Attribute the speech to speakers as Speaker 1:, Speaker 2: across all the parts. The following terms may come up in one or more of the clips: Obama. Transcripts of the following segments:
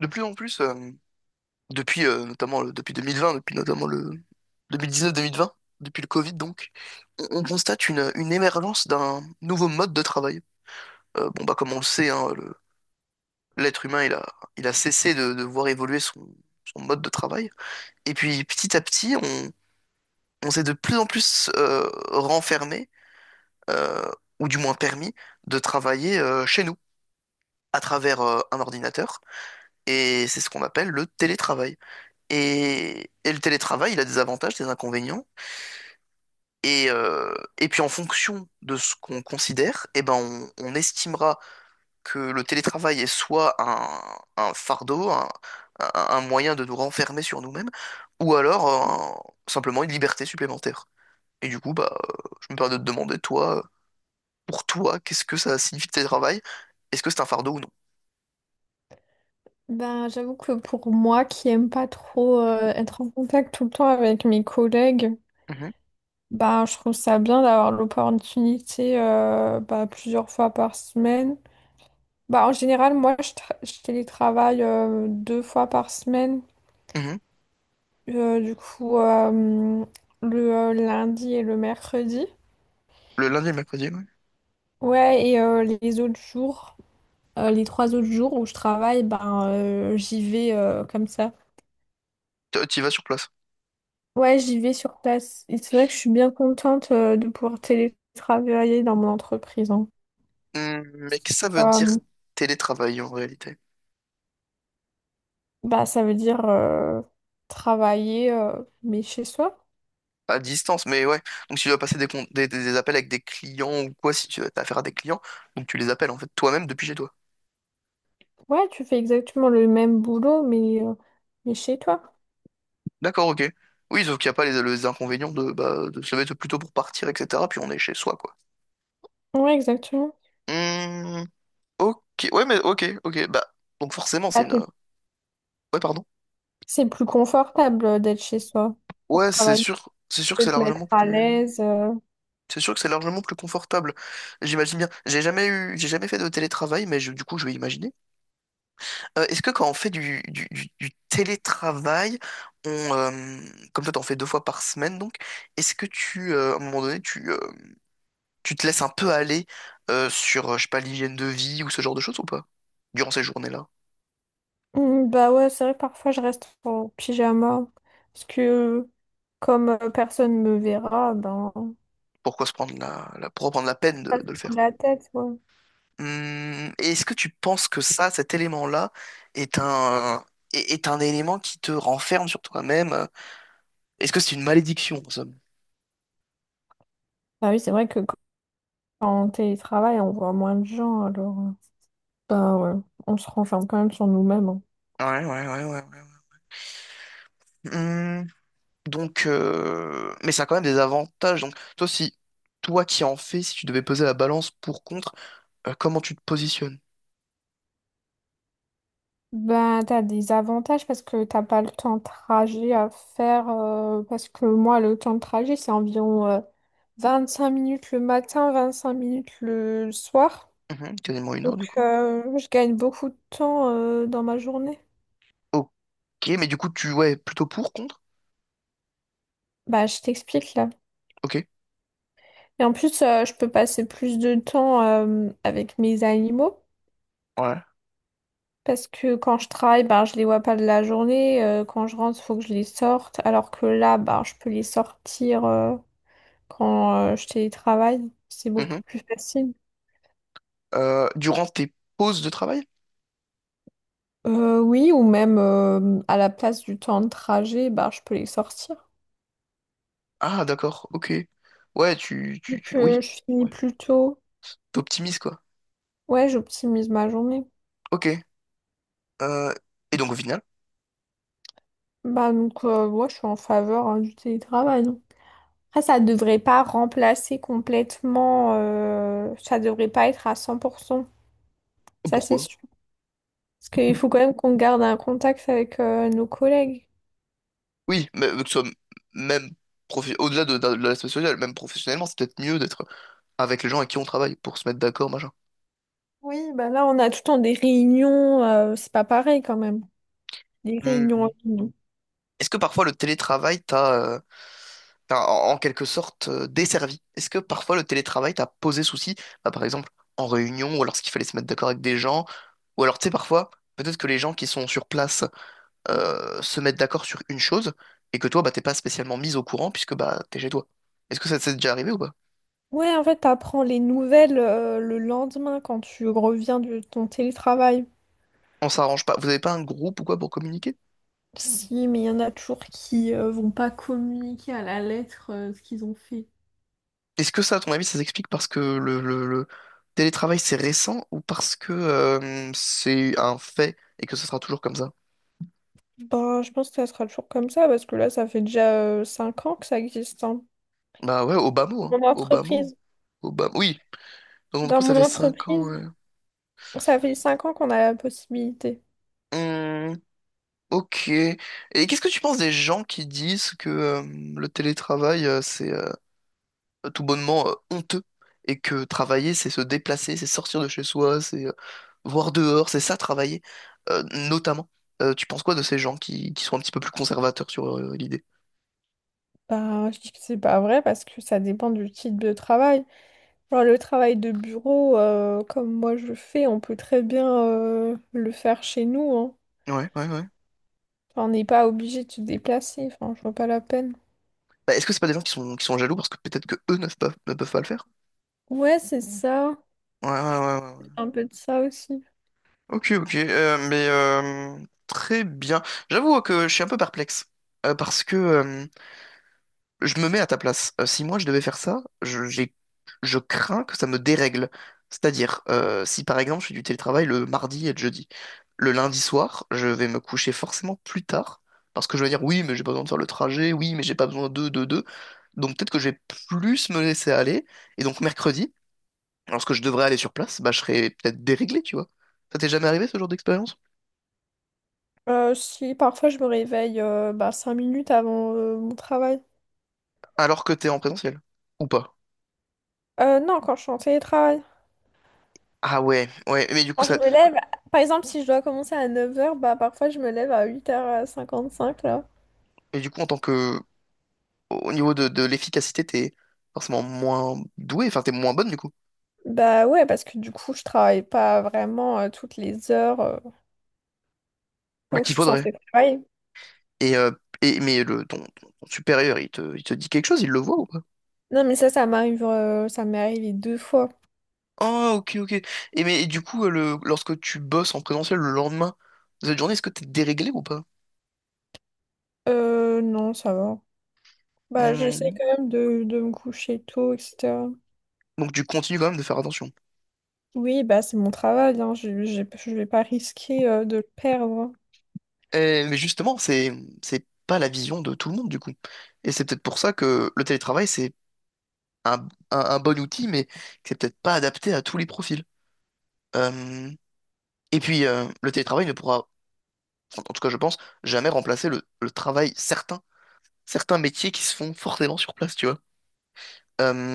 Speaker 1: De plus en plus, depuis depuis 2020, depuis notamment le 2019-2020, depuis le Covid donc, on constate une émergence d'un nouveau mode de travail. Bon bah comme on le sait, hein, l'être humain il a cessé de voir évoluer son, son mode de travail. Et puis petit à petit, on s'est de plus en plus renfermé, euh, ou du moins permis, de travailler chez nous, à travers un ordinateur. Et c'est ce qu'on appelle le télétravail. Et le télétravail, il a des avantages, des inconvénients. Et puis en fonction de ce qu'on considère, eh ben on estimera que le télétravail est soit un fardeau, un moyen de nous renfermer sur nous-mêmes, ou alors simplement une liberté supplémentaire. Et du coup, bah, je me permets de te demander, toi, pour toi, qu'est-ce que ça signifie le télétravail? Est-ce que c'est un fardeau ou non?
Speaker 2: Ben, j'avoue que pour moi qui aime pas trop être en contact tout le temps avec mes collègues,
Speaker 1: Mhm,
Speaker 2: ben, je trouve ça bien d'avoir l'opportunité bah, plusieurs fois par semaine. Bah, en général, moi, je télétravaille deux fois par semaine.
Speaker 1: mhm.
Speaker 2: Du coup, le lundi et le mercredi.
Speaker 1: Le lundi et le mercredi, oui.
Speaker 2: Ouais, et les autres jours, les trois autres jours où je travaille, ben, j'y vais comme ça.
Speaker 1: Tu y vas sur place.
Speaker 2: Ouais, j'y vais sur place. Et c'est vrai que je suis bien contente de pouvoir télétravailler dans mon entreprise, hein.
Speaker 1: Mais qu'est-ce que ça veut dire
Speaker 2: Euh,
Speaker 1: télétravail en réalité?
Speaker 2: bah, ça veut dire travailler, mais chez soi.
Speaker 1: À distance, mais ouais. Donc, si tu dois passer des, des appels avec des clients ou quoi, si tu as affaire à des clients, donc tu les appelles en fait toi-même depuis chez toi.
Speaker 2: Ouais, tu fais exactement le même boulot, mais chez toi.
Speaker 1: D'accord, ok. Oui, sauf qu'il n'y a pas les, les inconvénients de, bah, de se mettre plutôt pour partir, etc. Puis on est chez soi, quoi.
Speaker 2: Ouais, exactement.
Speaker 1: Hmm, ok, ouais, mais ok, ok. Bah, donc forcément, c'est
Speaker 2: Bah,
Speaker 1: une.
Speaker 2: c'est
Speaker 1: Ouais, pardon.
Speaker 2: c'est plus confortable d'être chez soi pour
Speaker 1: Ouais,
Speaker 2: travailler. Tu
Speaker 1: c'est sûr que c'est
Speaker 2: peux te mettre
Speaker 1: largement
Speaker 2: à
Speaker 1: plus.
Speaker 2: l'aise.
Speaker 1: C'est sûr que c'est largement plus confortable. J'imagine bien. J'ai jamais eu, j'ai jamais fait de télétravail, mais du coup, je vais imaginer. Est-ce que quand on fait du, du télétravail, on, euh, comme toi t'en fais deux fois par semaine donc, est-ce que à un moment donné, tu te laisses un peu aller sur, je sais pas, l'hygiène de vie ou ce genre de choses ou pas? Durant ces journées-là?
Speaker 2: Mm, bah ouais, c'est vrai que parfois je reste en pyjama parce que comme personne me verra, ben.
Speaker 1: Pourquoi se prendre la, pourquoi prendre la peine
Speaker 2: Ça se
Speaker 1: de le
Speaker 2: prend
Speaker 1: faire?
Speaker 2: la tête, ouais.
Speaker 1: Et est-ce que tu penses que ça, cet élément-là, est un, est un élément qui te renferme sur toi-même? Est-ce que c'est une malédiction en somme?
Speaker 2: Ah oui, c'est vrai que quand on télétravaille, on voit moins de gens, alors bah, ouais, on se renferme quand même sur nous-mêmes, hein.
Speaker 1: Ouais, ouais, ouais, ouais, ouais. Donc, mais ça a quand même des avantages. Donc, toi, si toi qui en fais, si tu devais peser la balance pour contre, comment tu te positionnes?
Speaker 2: Ben, t'as des avantages parce que t'as pas le temps de trajet à faire, parce que moi, le temps de trajet, c'est environ 5 minutes le matin, 25 minutes le soir.
Speaker 1: Mhm, quasiment une heure
Speaker 2: Donc,
Speaker 1: du coup.
Speaker 2: je gagne beaucoup de temps dans ma journée.
Speaker 1: Ok, mais du coup, tu ouais, plutôt pour contre?
Speaker 2: Bah, je t'explique là.
Speaker 1: Ok,
Speaker 2: Et en plus, je peux passer plus de temps avec mes animaux.
Speaker 1: ouais.
Speaker 2: Parce que quand je travaille, ben, je les vois pas de la journée, quand je rentre, il faut que je les sorte. Alors que là, ben, je peux les sortir quand je télétravaille. C'est beaucoup
Speaker 1: Mhm.
Speaker 2: plus facile.
Speaker 1: Durant tes pauses de travail?
Speaker 2: Oui, ou même à la place du temps de trajet, ben, je peux les sortir.
Speaker 1: Ah, d'accord, ok. Ouais,
Speaker 2: Vu
Speaker 1: oui,
Speaker 2: que je finis
Speaker 1: ouais.
Speaker 2: plus tôt,
Speaker 1: T'optimises quoi.
Speaker 2: ouais, j'optimise ma journée.
Speaker 1: Ok. Euh, et donc au final,
Speaker 2: Bah, donc, ouais, je suis en faveur, hein, du télétravail. Après, ça devrait pas remplacer complètement, ça devrait pas être à 100%. Ça, c'est
Speaker 1: pourquoi?
Speaker 2: sûr. Parce qu'il faut quand même qu'on garde un contact avec nos collègues.
Speaker 1: Oui, mais que ce soit même au-delà de l'aspect social, même professionnellement, c'est peut-être mieux d'être avec les gens avec qui on travaille pour se mettre d'accord, machin.
Speaker 2: Oui, bah là, on a tout le temps des réunions, c'est pas pareil quand même. Des réunions en
Speaker 1: Hmm.
Speaker 2: ligne.
Speaker 1: Est-ce que parfois le télétravail t'a, en en quelque sorte desservi? Est-ce que parfois le télétravail t'a posé souci, bah, par exemple en réunion ou alors ce qu'il fallait se mettre d'accord avec des gens, ou alors tu sais parfois peut-être que les gens qui sont sur place se mettent d'accord sur une chose et que toi bah t'es pas spécialement mis au courant puisque bah t'es chez toi. Est-ce que ça t'est déjà arrivé ou pas?
Speaker 2: Ouais, en fait, t'apprends les nouvelles le lendemain quand tu reviens de ton télétravail.
Speaker 1: On s'arrange pas. Vous avez pas un groupe ou quoi pour communiquer?
Speaker 2: Mm. Si, mais il y en a toujours qui vont pas communiquer à la lettre ce qu'ils ont fait.
Speaker 1: Est-ce que ça, à ton avis, ça s'explique parce que le, le télétravail c'est récent ou parce que c'est un fait et que ce sera toujours comme ça?
Speaker 2: Ben, je pense que ça sera toujours comme ça parce que là, ça fait déjà 5 ans que ça existe, hein.
Speaker 1: Bah ouais, Obama, hein.
Speaker 2: Dans mon
Speaker 1: Obama.
Speaker 2: entreprise.
Speaker 1: Obama. Oui, donc du coup,
Speaker 2: Dans
Speaker 1: ça
Speaker 2: mon
Speaker 1: fait 5 ans,
Speaker 2: entreprise.
Speaker 1: ouais.
Speaker 2: Ça fait 5 ans qu'on a la possibilité.
Speaker 1: Hmm, ok. Et qu'est-ce que tu penses des gens qui disent que le télétravail, c'est tout bonnement honteux et que travailler, c'est se déplacer, c'est sortir de chez soi, c'est voir dehors, c'est ça travailler, euh, notamment. Tu penses quoi de ces gens qui sont un petit peu plus conservateurs sur l'idée?
Speaker 2: Bah, je dis que c'est pas vrai parce que ça dépend du type de travail. Genre le travail de bureau, comme moi je le fais, on peut très bien le faire chez nous, hein.
Speaker 1: Ouais, ouais, ouais.
Speaker 2: Enfin, on n'est pas obligé de se déplacer, enfin, je vois pas la peine.
Speaker 1: Bah, est-ce que c'est pas des gens qui sont jaloux parce que peut-être que eux ne peuvent pas, ne peuvent pas le faire?
Speaker 2: Ouais, c'est ça.
Speaker 1: Ouais, ouais, ouais, ouais.
Speaker 2: Un peu de ça aussi.
Speaker 1: Ok, ok, mais très bien. J'avoue que je suis un peu perplexe parce que je me mets à ta place. Si moi je devais faire ça, je crains que ça me dérègle. C'est-à-dire, si par exemple je fais du télétravail le mardi et le jeudi, le lundi soir, je vais me coucher forcément plus tard parce que je vais dire oui, mais j'ai pas besoin de faire le trajet, oui, mais j'ai pas besoin de. Donc peut-être que je vais plus me laisser aller et donc mercredi, lorsque je devrais aller sur place, bah je serai peut-être déréglé, tu vois. Ça t'est jamais arrivé ce genre d'expérience?
Speaker 2: Si parfois je me réveille bah, 5 minutes avant mon travail.
Speaker 1: Alors que t'es en présentiel, ou pas?
Speaker 2: Non, quand je suis en télétravail.
Speaker 1: Ah ouais, ouais, mais du coup,
Speaker 2: Quand je
Speaker 1: ça,
Speaker 2: me lève, par exemple, si je dois commencer à 9 heures, bah parfois je me lève à 8h55 là.
Speaker 1: mais du coup, en tant que, au niveau de l'efficacité, t'es forcément moins doué, enfin, t'es moins bonne, du coup.
Speaker 2: Bah ouais, parce que du coup, je travaille pas vraiment toutes les heures
Speaker 1: Bah,
Speaker 2: là où je
Speaker 1: qu'il
Speaker 2: suis
Speaker 1: faudrait.
Speaker 2: censée travailler.
Speaker 1: Et, euh, et, mais le, ton supérieur, il te dit quelque chose, il le voit ou pas?
Speaker 2: Non, mais ça m'arrive, ça m'est arrivé deux fois.
Speaker 1: Ah, ok, ok. Et mais du coup, le, lorsque tu bosses en présentiel le lendemain de cette journée, est-ce que t'es déréglé ou pas?
Speaker 2: Non, ça va. Bah, j'essaie
Speaker 1: Hmm.
Speaker 2: quand même de me coucher tôt, etc.
Speaker 1: Donc tu continues quand même de faire attention.
Speaker 2: Oui, bah c'est mon travail, hein. Je vais pas risquer de le perdre.
Speaker 1: Mais justement, c'est pas la vision de tout le monde, du coup. Et c'est peut-être pour ça que le télétravail, c'est un, un bon outil, mais qui c'est peut-être pas adapté à tous les profils. Euh, et puis, le télétravail ne pourra, en en tout cas, je pense, jamais remplacer le travail certain, certains métiers qui se font forcément sur place, tu vois.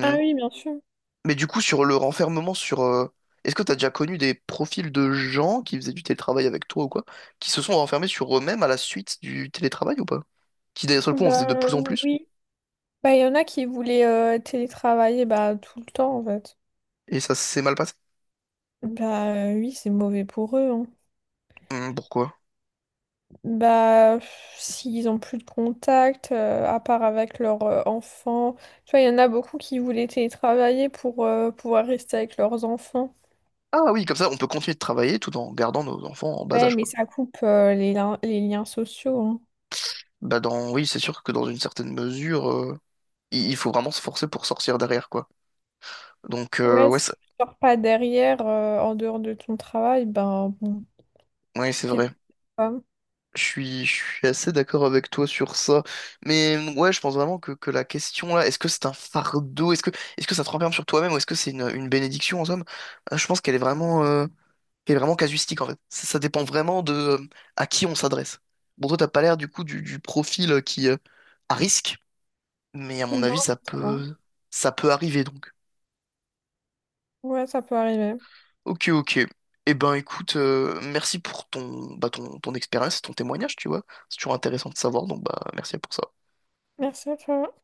Speaker 2: Ah oui, bien sûr.
Speaker 1: mais du coup, sur le renfermement sur... est-ce que tu as déjà connu des profils de gens qui faisaient du télétravail avec toi ou quoi, qui se sont renfermés sur eux-mêmes à la suite du télétravail ou pas? Qui d'un seul coup en
Speaker 2: Bah
Speaker 1: faisaient de plus en plus,
Speaker 2: oui. Bah il y en a qui voulaient télétravailler bah tout le temps en fait.
Speaker 1: et ça s'est mal passé.
Speaker 2: Bah oui, c'est mauvais pour eux, hein.
Speaker 1: Pourquoi?
Speaker 2: Bah pff, s'ils ont plus de contact, à part avec leurs enfants. Tu vois, il y en a beaucoup qui voulaient télétravailler pour pouvoir rester avec leurs enfants.
Speaker 1: Ah oui, comme ça, on peut continuer de travailler tout en gardant nos enfants en bas
Speaker 2: Ouais,
Speaker 1: âge,
Speaker 2: mais
Speaker 1: quoi.
Speaker 2: ça coupe les liens sociaux.
Speaker 1: Bah dans, oui, c'est sûr que dans une certaine mesure, il faut vraiment se forcer pour sortir derrière, quoi. Donc,
Speaker 2: Ouais,
Speaker 1: ouais,
Speaker 2: si
Speaker 1: ça-
Speaker 2: tu sors pas derrière, en dehors de ton travail, ben bon,
Speaker 1: ouais, c'est
Speaker 2: t'es
Speaker 1: vrai.
Speaker 2: pas.
Speaker 1: Je suis assez d'accord avec toi sur ça. Mais ouais, je pense vraiment que la question là, est-ce que c'est un fardeau? Est-ce que ça te renferme sur toi-même ou est-ce que c'est une bénédiction en somme? Je pense qu'elle est vraiment casuistique en fait. Ça dépend vraiment de à qui on s'adresse. Bon, toi, t'as pas l'air du coup du profil qui, à risque, mais à mon avis,
Speaker 2: Non, ça va.
Speaker 1: ça peut arriver donc.
Speaker 2: Ouais, ça peut arriver.
Speaker 1: Ok, ok. Eh ben, écoute, merci pour ton, bah, ton, ton expérience, ton témoignage, tu vois. C'est toujours intéressant de savoir, donc bah, merci pour ça.
Speaker 2: Merci à toi.